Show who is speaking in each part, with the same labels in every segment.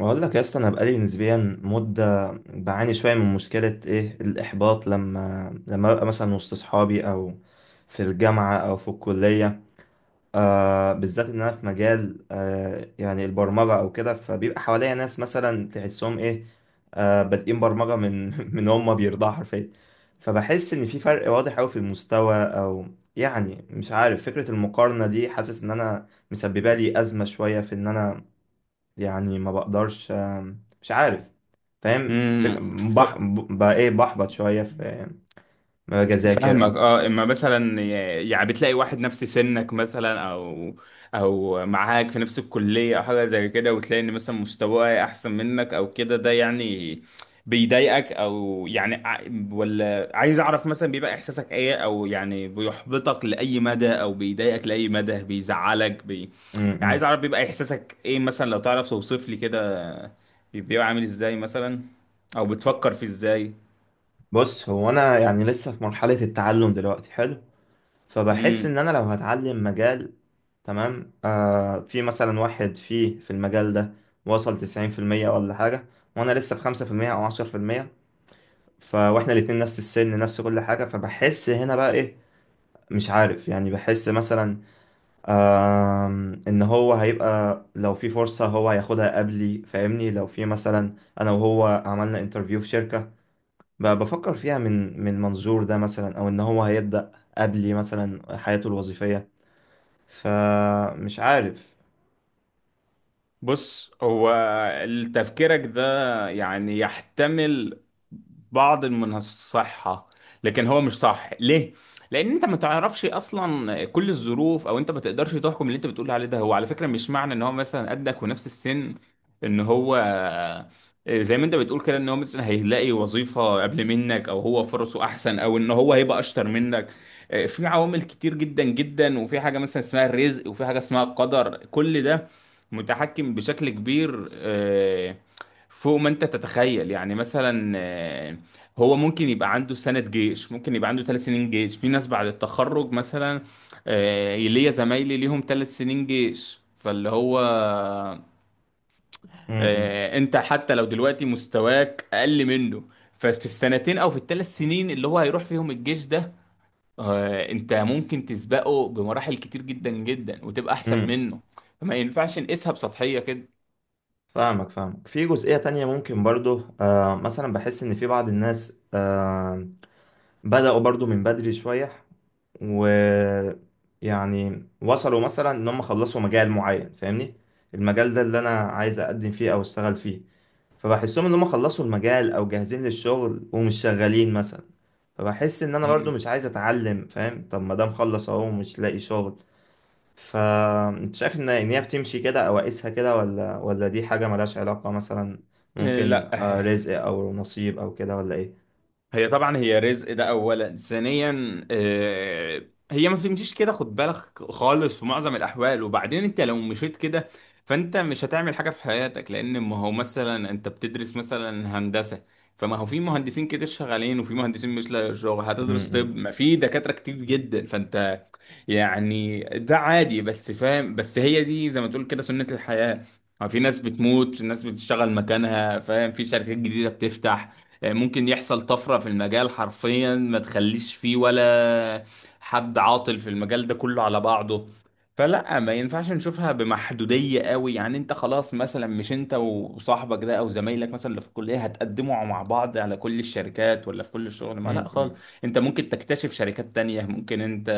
Speaker 1: بقول لك يا اسطى، انا بقالي نسبيا مده بعاني شويه من مشكله ايه الاحباط. لما ببقى مثلا وسط صحابي او في الجامعه او في الكليه، بالذات ان انا في مجال، يعني البرمجه او كده، فبيبقى حواليا ناس مثلا تحسهم ايه، بادئين برمجه من من هم بيرضعوا حرفيا. فبحس ان في فرق واضح قوي في المستوى، او يعني مش عارف، فكره المقارنه دي حاسس ان انا مسببه لي ازمه شويه في ان انا يعني ما بقدرش، مش عارف، فاهم؟ في
Speaker 2: امم ف...
Speaker 1: بقى ايه بحبط شوية في ما باجي اذاكر او...
Speaker 2: فاهمك اه، اما مثلا يعني بتلاقي واحد نفس سنك مثلا، او معاك في نفس الكلية او حاجة زي كده، وتلاقي ان مثلا مستواه احسن منك او كده، ده يعني بيضايقك، او يعني ولا عايز اعرف مثلا بيبقى احساسك ايه، او يعني بيحبطك لاي مدى، او بيضايقك لاي مدى، بيزعلك
Speaker 1: م-
Speaker 2: يعني عايز
Speaker 1: م.
Speaker 2: اعرف بيبقى احساسك ايه مثلا، لو تعرف توصف لي كده. بيبقى عامل ازاي مثلا، او بتفكر في ازاي؟
Speaker 1: بص هو انا يعني لسه في مرحلة التعلم دلوقتي، حلو، فبحس ان انا لو هتعلم مجال، تمام، في مثلا واحد فيه في المجال ده وصل 90% ولا حاجة، وانا لسه في 5% او 10%، ف واحنا الاتنين نفس السن نفس كل حاجة، فبحس هنا بقى ايه، مش عارف، يعني بحس مثلا ان هو هيبقى، لو في فرصة هو هياخدها قبلي، فاهمني؟ لو في مثلا انا وهو عملنا انترفيو في شركة، بفكر فيها من من منظور ده مثلا، او ان هو هيبدأ قبلي مثلا حياته الوظيفية، فمش عارف.
Speaker 2: بص، هو تفكيرك ده يعني يحتمل بعض من الصحة، لكن هو مش صح، ليه؟ لأن أنت ما تعرفش أصلا كل الظروف، أو أنت ما تقدرش تحكم اللي أنت بتقول عليه ده. هو على فكرة مش معنى إن هو مثلا قدك ونفس السن، إن هو، زي ما أنت بتقول كده، إن هو مثلا هيلاقي وظيفة قبل منك، أو هو فرصه أحسن، أو إن هو هيبقى أشطر منك. في عوامل كتير جدا جدا، وفي حاجة مثلا اسمها الرزق، وفي حاجة اسمها القدر، كل ده متحكم بشكل كبير فوق ما انت تتخيل. يعني مثلا هو ممكن يبقى عنده سنة جيش، ممكن يبقى عنده ثلاث سنين جيش. في ناس بعد التخرج مثلا ليا زمايلي ليهم ثلاث سنين جيش. فاللي هو
Speaker 1: امم،
Speaker 2: انت حتى لو دلوقتي مستواك اقل منه، ففي السنتين او في الثلاث سنين اللي هو هيروح فيهم الجيش ده انت ممكن تسبقه بمراحل كتير جدا جدا، وتبقى احسن
Speaker 1: امم.
Speaker 2: منه. فما ينفعش نقيسها بسطحية كده.
Speaker 1: فاهمك فاهمك. في جزئية تانية ممكن برضو، مثلا بحس ان في بعض الناس بدأوا برضو من بدري شوية، ويعني وصلوا مثلا ان هم خلصوا مجال معين، فاهمني؟ المجال ده اللي انا عايز اقدم فيه او اشتغل فيه، فبحسهم ان هم خلصوا المجال او جاهزين للشغل، ومش شغالين مثلا. فبحس ان انا برضو مش عايز اتعلم، فاهم؟ طب ما ده مخلص اهو ومش لاقي شغل. فانت شايف ان هي بتمشي كده او اقيسها كده، ولا دي حاجة ملهاش علاقة مثلا؟ ممكن
Speaker 2: لا، هي
Speaker 1: رزق او نصيب او كده، ولا ايه؟
Speaker 2: هي طبعا هي رزق، ده اولا. ثانيا هي ما بتمشيش كده، خد بالك خالص، في معظم الاحوال. وبعدين انت لو مشيت كده فانت مش هتعمل حاجه في حياتك، لان ما هو مثلا انت بتدرس مثلا هندسه، فما هو في مهندسين كتير شغالين وفي مهندسين مش لاقي شغل. هتدرس
Speaker 1: امم،
Speaker 2: طب، ما في دكاتره كتير جدا. فانت يعني ده عادي. بس فاهم، بس هي دي زي ما تقول كده سنة الحياة. يعني في ناس بتموت، في ناس بتشتغل مكانها، فاهم؟ في شركات جديدة بتفتح، ممكن يحصل طفرة في المجال حرفيا ما تخليش فيه ولا حد عاطل في المجال ده كله على بعضه. فلا، ما ينفعش نشوفها بمحدودية قوي. يعني انت خلاص مثلا، مش انت وصاحبك ده او زمايلك مثلا اللي في الكلية هتقدموا مع بعض على كل الشركات، ولا في كل الشغل، ما
Speaker 1: امم،
Speaker 2: لا خالص.
Speaker 1: امم،
Speaker 2: انت ممكن تكتشف شركات تانية، ممكن انت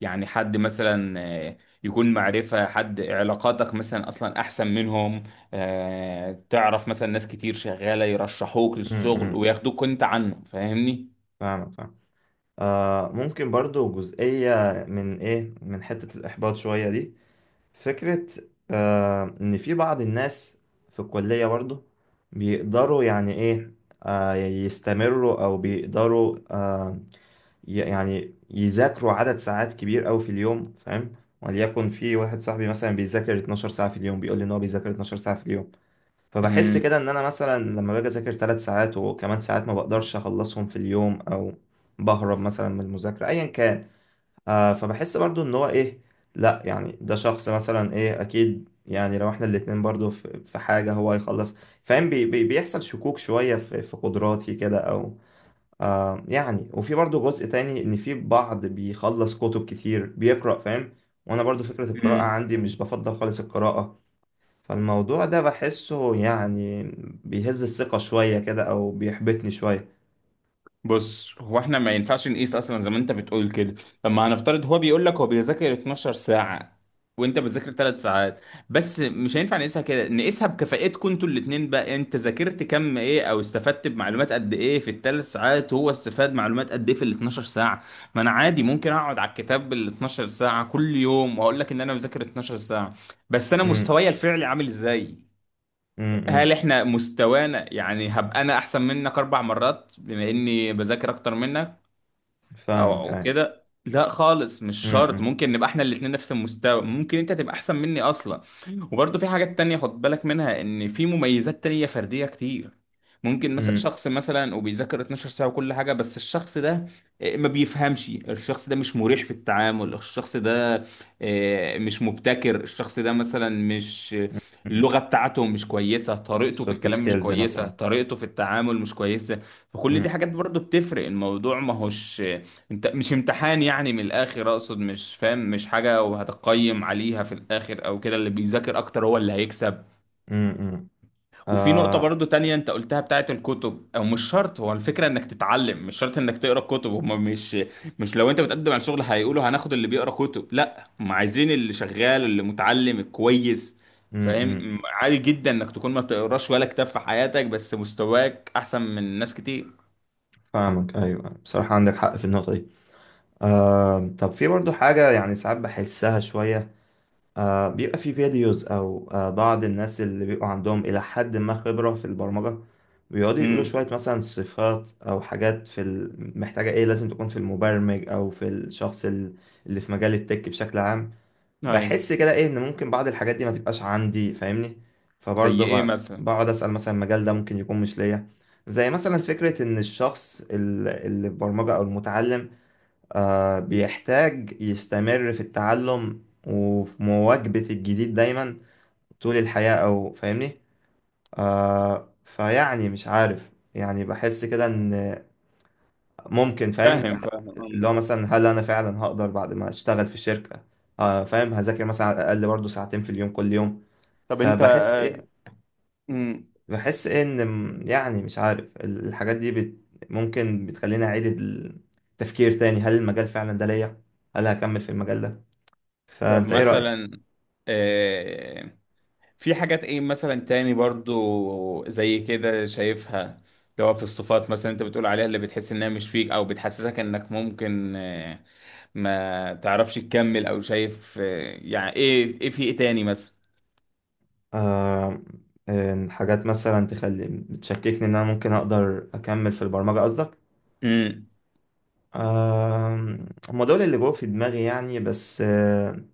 Speaker 2: يعني حد مثلا آه، يكون معرفة، حد، علاقاتك مثلا أصلا أحسن منهم. تعرف مثلا ناس كتير شغالة يرشحوك للشغل
Speaker 1: امم.
Speaker 2: وياخدوك أنت عنه، فاهمني؟
Speaker 1: فاهمك فاهمك. ممكن برضو جزئية من من حتة الإحباط شوية دي، فكرة إن في بعض الناس في الكلية برضو بيقدروا يعني إيه آه يستمروا، أو بيقدروا يعني يذاكروا عدد ساعات كبير أوي في اليوم، فاهم؟ وليكن في واحد صاحبي مثلا بيذاكر 12 ساعة في اليوم، بيقول لي إن هو بيذاكر 12 ساعة في اليوم. فبحس
Speaker 2: مم.
Speaker 1: كده ان انا مثلا لما باجي اذاكر 3 ساعات وكمان ساعات ما بقدرش اخلصهم في اليوم، او بهرب مثلا من المذاكرة ايا كان. فبحس برضو ان هو لا، يعني ده شخص مثلا اكيد، يعني لو احنا الاتنين برضو في في حاجة هو هيخلص، فاهم؟ بي بي بيحصل شكوك شوية في في قدراتي كده، او يعني. وفي برضو جزء تاني ان في بعض بيخلص كتب كتير بيقرأ، فاهم؟ وانا برضو فكرة القراءة
Speaker 2: مم.
Speaker 1: عندي مش بفضل خالص القراءة. فالموضوع ده بحسه يعني بيهز الثقة شوية كده، أو بيحبطني شوية.
Speaker 2: بص، هو احنا ما ينفعش نقيس اصلا زي ما انت بتقول كده، لما هنفترض هو بيقول لك هو بيذاكر 12 ساعة وانت بتذاكر 3 ساعات. بس مش هينفع نقيسها كده، نقيسها بكفاءتكم انتوا الاتنين. بقى انت ذاكرت كم ايه، او استفدت بمعلومات قد ايه في الثلاث ساعات، وهو استفاد معلومات قد ايه في ال 12 ساعة. ما انا عادي ممكن اقعد على الكتاب بال 12 ساعة كل يوم واقول لك ان انا بذاكر 12 ساعة، بس انا
Speaker 1: امم،
Speaker 2: مستواي الفعلي عامل ازاي؟
Speaker 1: امم،
Speaker 2: هل
Speaker 1: إمم.
Speaker 2: احنا مستوانا، يعني هبقى انا احسن منك اربع مرات بما اني بذاكر اكتر منك، او
Speaker 1: فاهمك
Speaker 2: أو
Speaker 1: أيوة.
Speaker 2: كده؟ لا خالص، مش شرط.
Speaker 1: امم،
Speaker 2: ممكن نبقى احنا الاتنين نفس المستوى، ممكن انت تبقى احسن مني اصلا. وبرضه في حاجات تانية خد بالك منها، ان في مميزات تانية فردية كتير. ممكن مثلا
Speaker 1: امم.
Speaker 2: شخص مثلا وبيذاكر 12 ساعة وكل حاجة، بس الشخص ده ما بيفهمش. الشخص ده مش مريح في التعامل. الشخص ده مش مبتكر. الشخص ده مثلا مش اللغة بتاعته مش كويسة، طريقته في
Speaker 1: سوفت
Speaker 2: الكلام مش
Speaker 1: سكيلز
Speaker 2: كويسة،
Speaker 1: مثلا.
Speaker 2: طريقته في التعامل مش كويسة. فكل دي
Speaker 1: امم،
Speaker 2: حاجات برضه بتفرق. الموضوع ما هوش... انت مش امتحان يعني، من الاخر اقصد، مش فاهم، مش حاجة وهتقيم عليها في الاخر او كده اللي بيذاكر اكتر هو اللي هيكسب.
Speaker 1: امم، إمم.
Speaker 2: وفي نقطة
Speaker 1: آه.
Speaker 2: برضو تانية انت قلتها بتاعت الكتب او. مش شرط، هو الفكرة انك تتعلم، مش شرط انك تقرا كتب. هما مش لو انت بتقدم على شغل هيقولوا هناخد اللي بيقرا كتب، لا، هم عايزين اللي شغال، اللي متعلم الكويس،
Speaker 1: امم، إمم.
Speaker 2: فاهم؟ عادي جدا انك تكون ما تقراش ولا كتاب في حياتك بس مستواك احسن من ناس كتير.
Speaker 1: فاهمك أيوة، بصراحة عندك حق في النقطة دي. طب في برضو حاجة يعني ساعات بحسها شوية، بيبقى في فيديوز، او بعض الناس اللي بيبقوا عندهم الى حد ما خبرة في البرمجة بيقعدوا يقولوا
Speaker 2: امم.
Speaker 1: شوية مثلا صفات او حاجات في محتاجة ايه لازم تكون في المبرمج، او في الشخص اللي في مجال التك بشكل عام.
Speaker 2: ايوه.
Speaker 1: بحس كده ايه ان ممكن بعض الحاجات دي ما تبقاش عندي، فاهمني؟
Speaker 2: زي
Speaker 1: فبرضه
Speaker 2: ايه مثلا؟
Speaker 1: بقعد اسأل مثلا المجال ده ممكن يكون مش ليا. زي مثلا فكرة ان الشخص اللي البرمجة او المتعلم بيحتاج يستمر في التعلم وفي مواكبة الجديد دايما طول الحياة، أو فاهمني؟ فيعني مش عارف، يعني بحس كده إن ممكن،
Speaker 2: فاهم
Speaker 1: فاهم؟
Speaker 2: فاهم.
Speaker 1: اللي هو
Speaker 2: أمم.
Speaker 1: مثلا هل أنا فعلا هقدر بعد ما أشتغل في الشركة، فاهم، هذاكر مثلا على الأقل برضه ساعتين في اليوم كل يوم.
Speaker 2: طب انت
Speaker 1: فبحس إيه،
Speaker 2: مم.
Speaker 1: بحس إيه إن يعني مش عارف، الحاجات دي ممكن بتخليني أعيد التفكير تاني. هل المجال فعلا ده ليا؟ هل هكمل في المجال ده؟
Speaker 2: طب
Speaker 1: فانت ايه رأيك؟
Speaker 2: مثلا آه، في حاجات ايه مثلا تاني برضو زي كده شايفها؟ اللي هو في الصفات مثلا انت بتقول عليها، اللي بتحس انها مش فيك، او بتحسسك انك ممكن ما تعرفش تكمل، او شايف يعني ايه، ايه، في ايه تاني
Speaker 1: آه إن حاجات مثلا تخلي بتشككني ان انا ممكن اقدر اكمل في البرمجة، قصدك؟
Speaker 2: مثلا؟
Speaker 1: آه هم دول اللي جوه في دماغي يعني، بس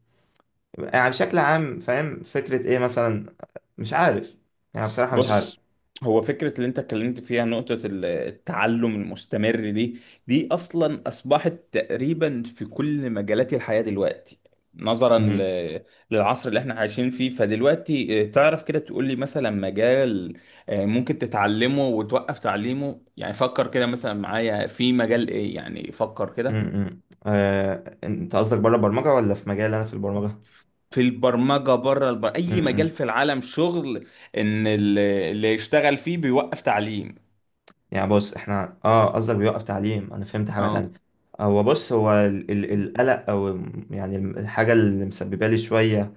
Speaker 1: يعني بشكل عام فاهم فكرة ايه مثلا، مش عارف، يعني بصراحة مش عارف.
Speaker 2: بص، هو فكرة اللي انت اتكلمت فيها نقطة التعلم المستمر دي، دي اصلا اصبحت تقريبا في كل مجالات الحياة دلوقتي، نظرا
Speaker 1: مم،
Speaker 2: للعصر اللي احنا عايشين فيه. فدلوقتي تعرف كده، تقول لي مثلا مجال اه، ممكن تتعلمه وتوقف تعليمه؟ يعني فكر كده مثلا معايا، في مجال ايه؟ يعني فكر
Speaker 1: مم،
Speaker 2: كده.
Speaker 1: مم. انت قصدك بره البرمجة ولا في مجال انا في البرمجة؟
Speaker 2: في البرمجة، بره اي مجال
Speaker 1: مم.
Speaker 2: في العالم، شغل ان اللي يشتغل فيه بيوقف تعليم؟
Speaker 1: يعني بص احنا قصدك بيوقف تعليم، انا فهمت حاجة
Speaker 2: اه،
Speaker 1: تانية. هو بص هو القلق، او يعني الحاجة اللي مسببة لي شوية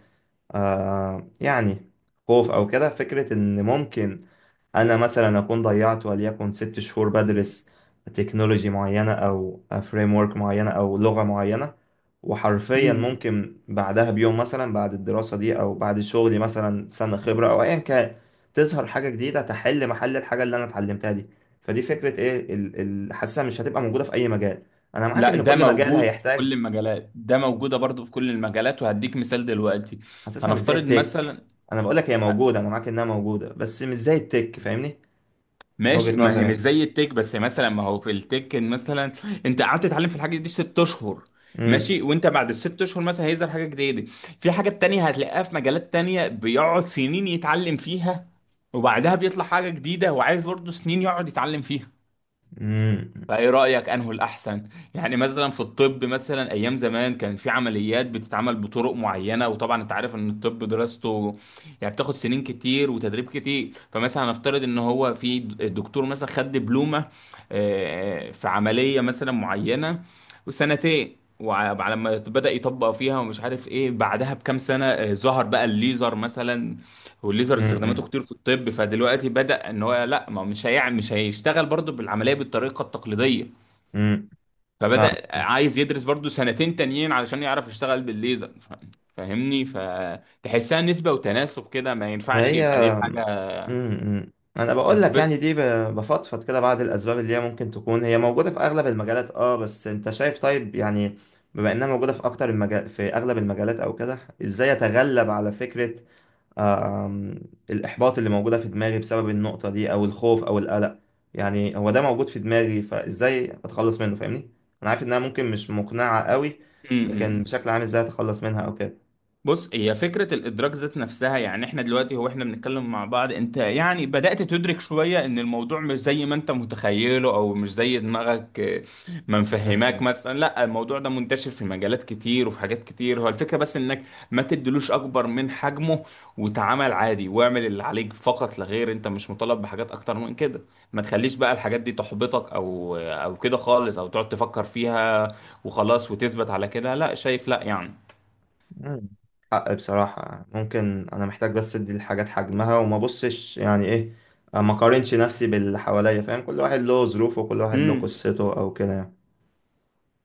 Speaker 1: يعني خوف أو كده، فكرة إن ممكن أنا مثلا أكون ضيعت وليكن 6 شهور بدرس تكنولوجي معينة أو فريم ورك معينة أو لغة معينة، وحرفيا ممكن بعدها بيوم مثلا بعد الدراسة دي، أو بعد شغلي مثلا سنة خبرة أو أيا كان، تظهر حاجة جديدة تحل محل الحاجة اللي أنا اتعلمتها دي. فدي فكرة إيه حاسسها مش هتبقى موجودة في أي مجال. أنا معاك
Speaker 2: لا،
Speaker 1: إن
Speaker 2: ده
Speaker 1: كل مجال
Speaker 2: موجود في كل
Speaker 1: هيحتاج.
Speaker 2: المجالات، ده موجودة برضو في كل المجالات. وهديك مثال دلوقتي،
Speaker 1: حاسسها مش زي
Speaker 2: هنفترض
Speaker 1: التك.
Speaker 2: مثلا.
Speaker 1: انا بقول لك هي موجوده، انا معاك انها موجوده، بس مش زي التك، فاهمني؟ من
Speaker 2: ماشي،
Speaker 1: وجهه
Speaker 2: ما
Speaker 1: نظري
Speaker 2: هي مش
Speaker 1: يعني.
Speaker 2: زي التك، بس مثلا ما هو في التك إن مثلا انت قعدت تتعلم في الحاجة دي ست اشهر،
Speaker 1: امم،
Speaker 2: ماشي، وانت بعد الست اشهر مثلا هيظهر حاجة جديدة. في حاجة تانية هتلاقيها في مجالات تانية، بيقعد سنين يتعلم فيها، وبعدها بيطلع حاجة جديدة وعايز برضو سنين يقعد يتعلم فيها.
Speaker 1: امم،
Speaker 2: فايه رايك، انه الاحسن؟ يعني مثلا في الطب، مثلا ايام زمان كان في عمليات بتتعمل بطرق معينه، وطبعا انت عارف ان الطب دراسته يعني بتاخد سنين كتير وتدريب كتير. فمثلا هنفترض ان هو في دكتور مثلا خد دبلومه في عمليه مثلا معينه، وسنتين، وعلى ما بدأ يطبق فيها ومش عارف ايه، بعدها بكام سنة ظهر بقى الليزر مثلا. والليزر استخداماته
Speaker 1: امم،
Speaker 2: كتير في الطب، فدلوقتي بدأ ان هو لا، ما هو مش مش هيشتغل برضه بالعمليه بالطريقه التقليديه.
Speaker 1: امم.
Speaker 2: فبدأ
Speaker 1: فاهم.
Speaker 2: عايز يدرس برضه سنتين تانيين علشان يعرف يشتغل بالليزر. فاهمني؟ فتحسها نسبه وتناسب كده، ما ينفعش
Speaker 1: هي
Speaker 2: يبقى دي حاجه.
Speaker 1: انا بقول
Speaker 2: انت
Speaker 1: لك، يعني دي
Speaker 2: بس...
Speaker 1: بفضفض كده بعض الاسباب اللي هي ممكن تكون هي موجوده في اغلب المجالات، بس انت شايف طيب، يعني بما انها موجوده في اكتر المجال، في اغلب المجالات او كده، ازاي اتغلب على فكره آم، الإحباط اللي موجودة في دماغي بسبب النقطة دي، أو الخوف أو القلق؟ يعني هو ده موجود في دماغي، فإزاي أتخلص منه، فاهمني؟ أنا عارف إنها ممكن مش مقنعة قوي،
Speaker 2: م-
Speaker 1: لكن
Speaker 2: م.
Speaker 1: بشكل عام إزاي أتخلص منها أو كده؟
Speaker 2: بص، هي فكرة الإدراك ذات نفسها. يعني إحنا دلوقتي، هو إحنا بنتكلم مع بعض، أنت يعني بدأت تدرك شوية إن الموضوع مش زي ما أنت متخيله، أو مش زي دماغك ما
Speaker 1: م-
Speaker 2: مفهماك.
Speaker 1: م-
Speaker 2: مثلا لا، الموضوع ده منتشر في مجالات كتير وفي حاجات كتير. هو الفكرة بس إنك ما تدلوش أكبر من حجمه، وتعامل عادي واعمل اللي عليك فقط لا غير. أنت مش مطالب بحاجات أكتر من كده. ما تخليش بقى الحاجات دي تحبطك أو كده خالص، أو تقعد تفكر فيها وخلاص وتثبت على كده. لا، شايف؟ لا يعني.
Speaker 1: م. حق بصراحة، ممكن أنا محتاج بس أدي الحاجات حجمها وما أبصش، يعني إيه، ما أقارنش نفسي باللي حواليا، فاهم؟ كل واحد له ظروفه وكل واحد له
Speaker 2: مم.
Speaker 1: قصته أو كده يعني.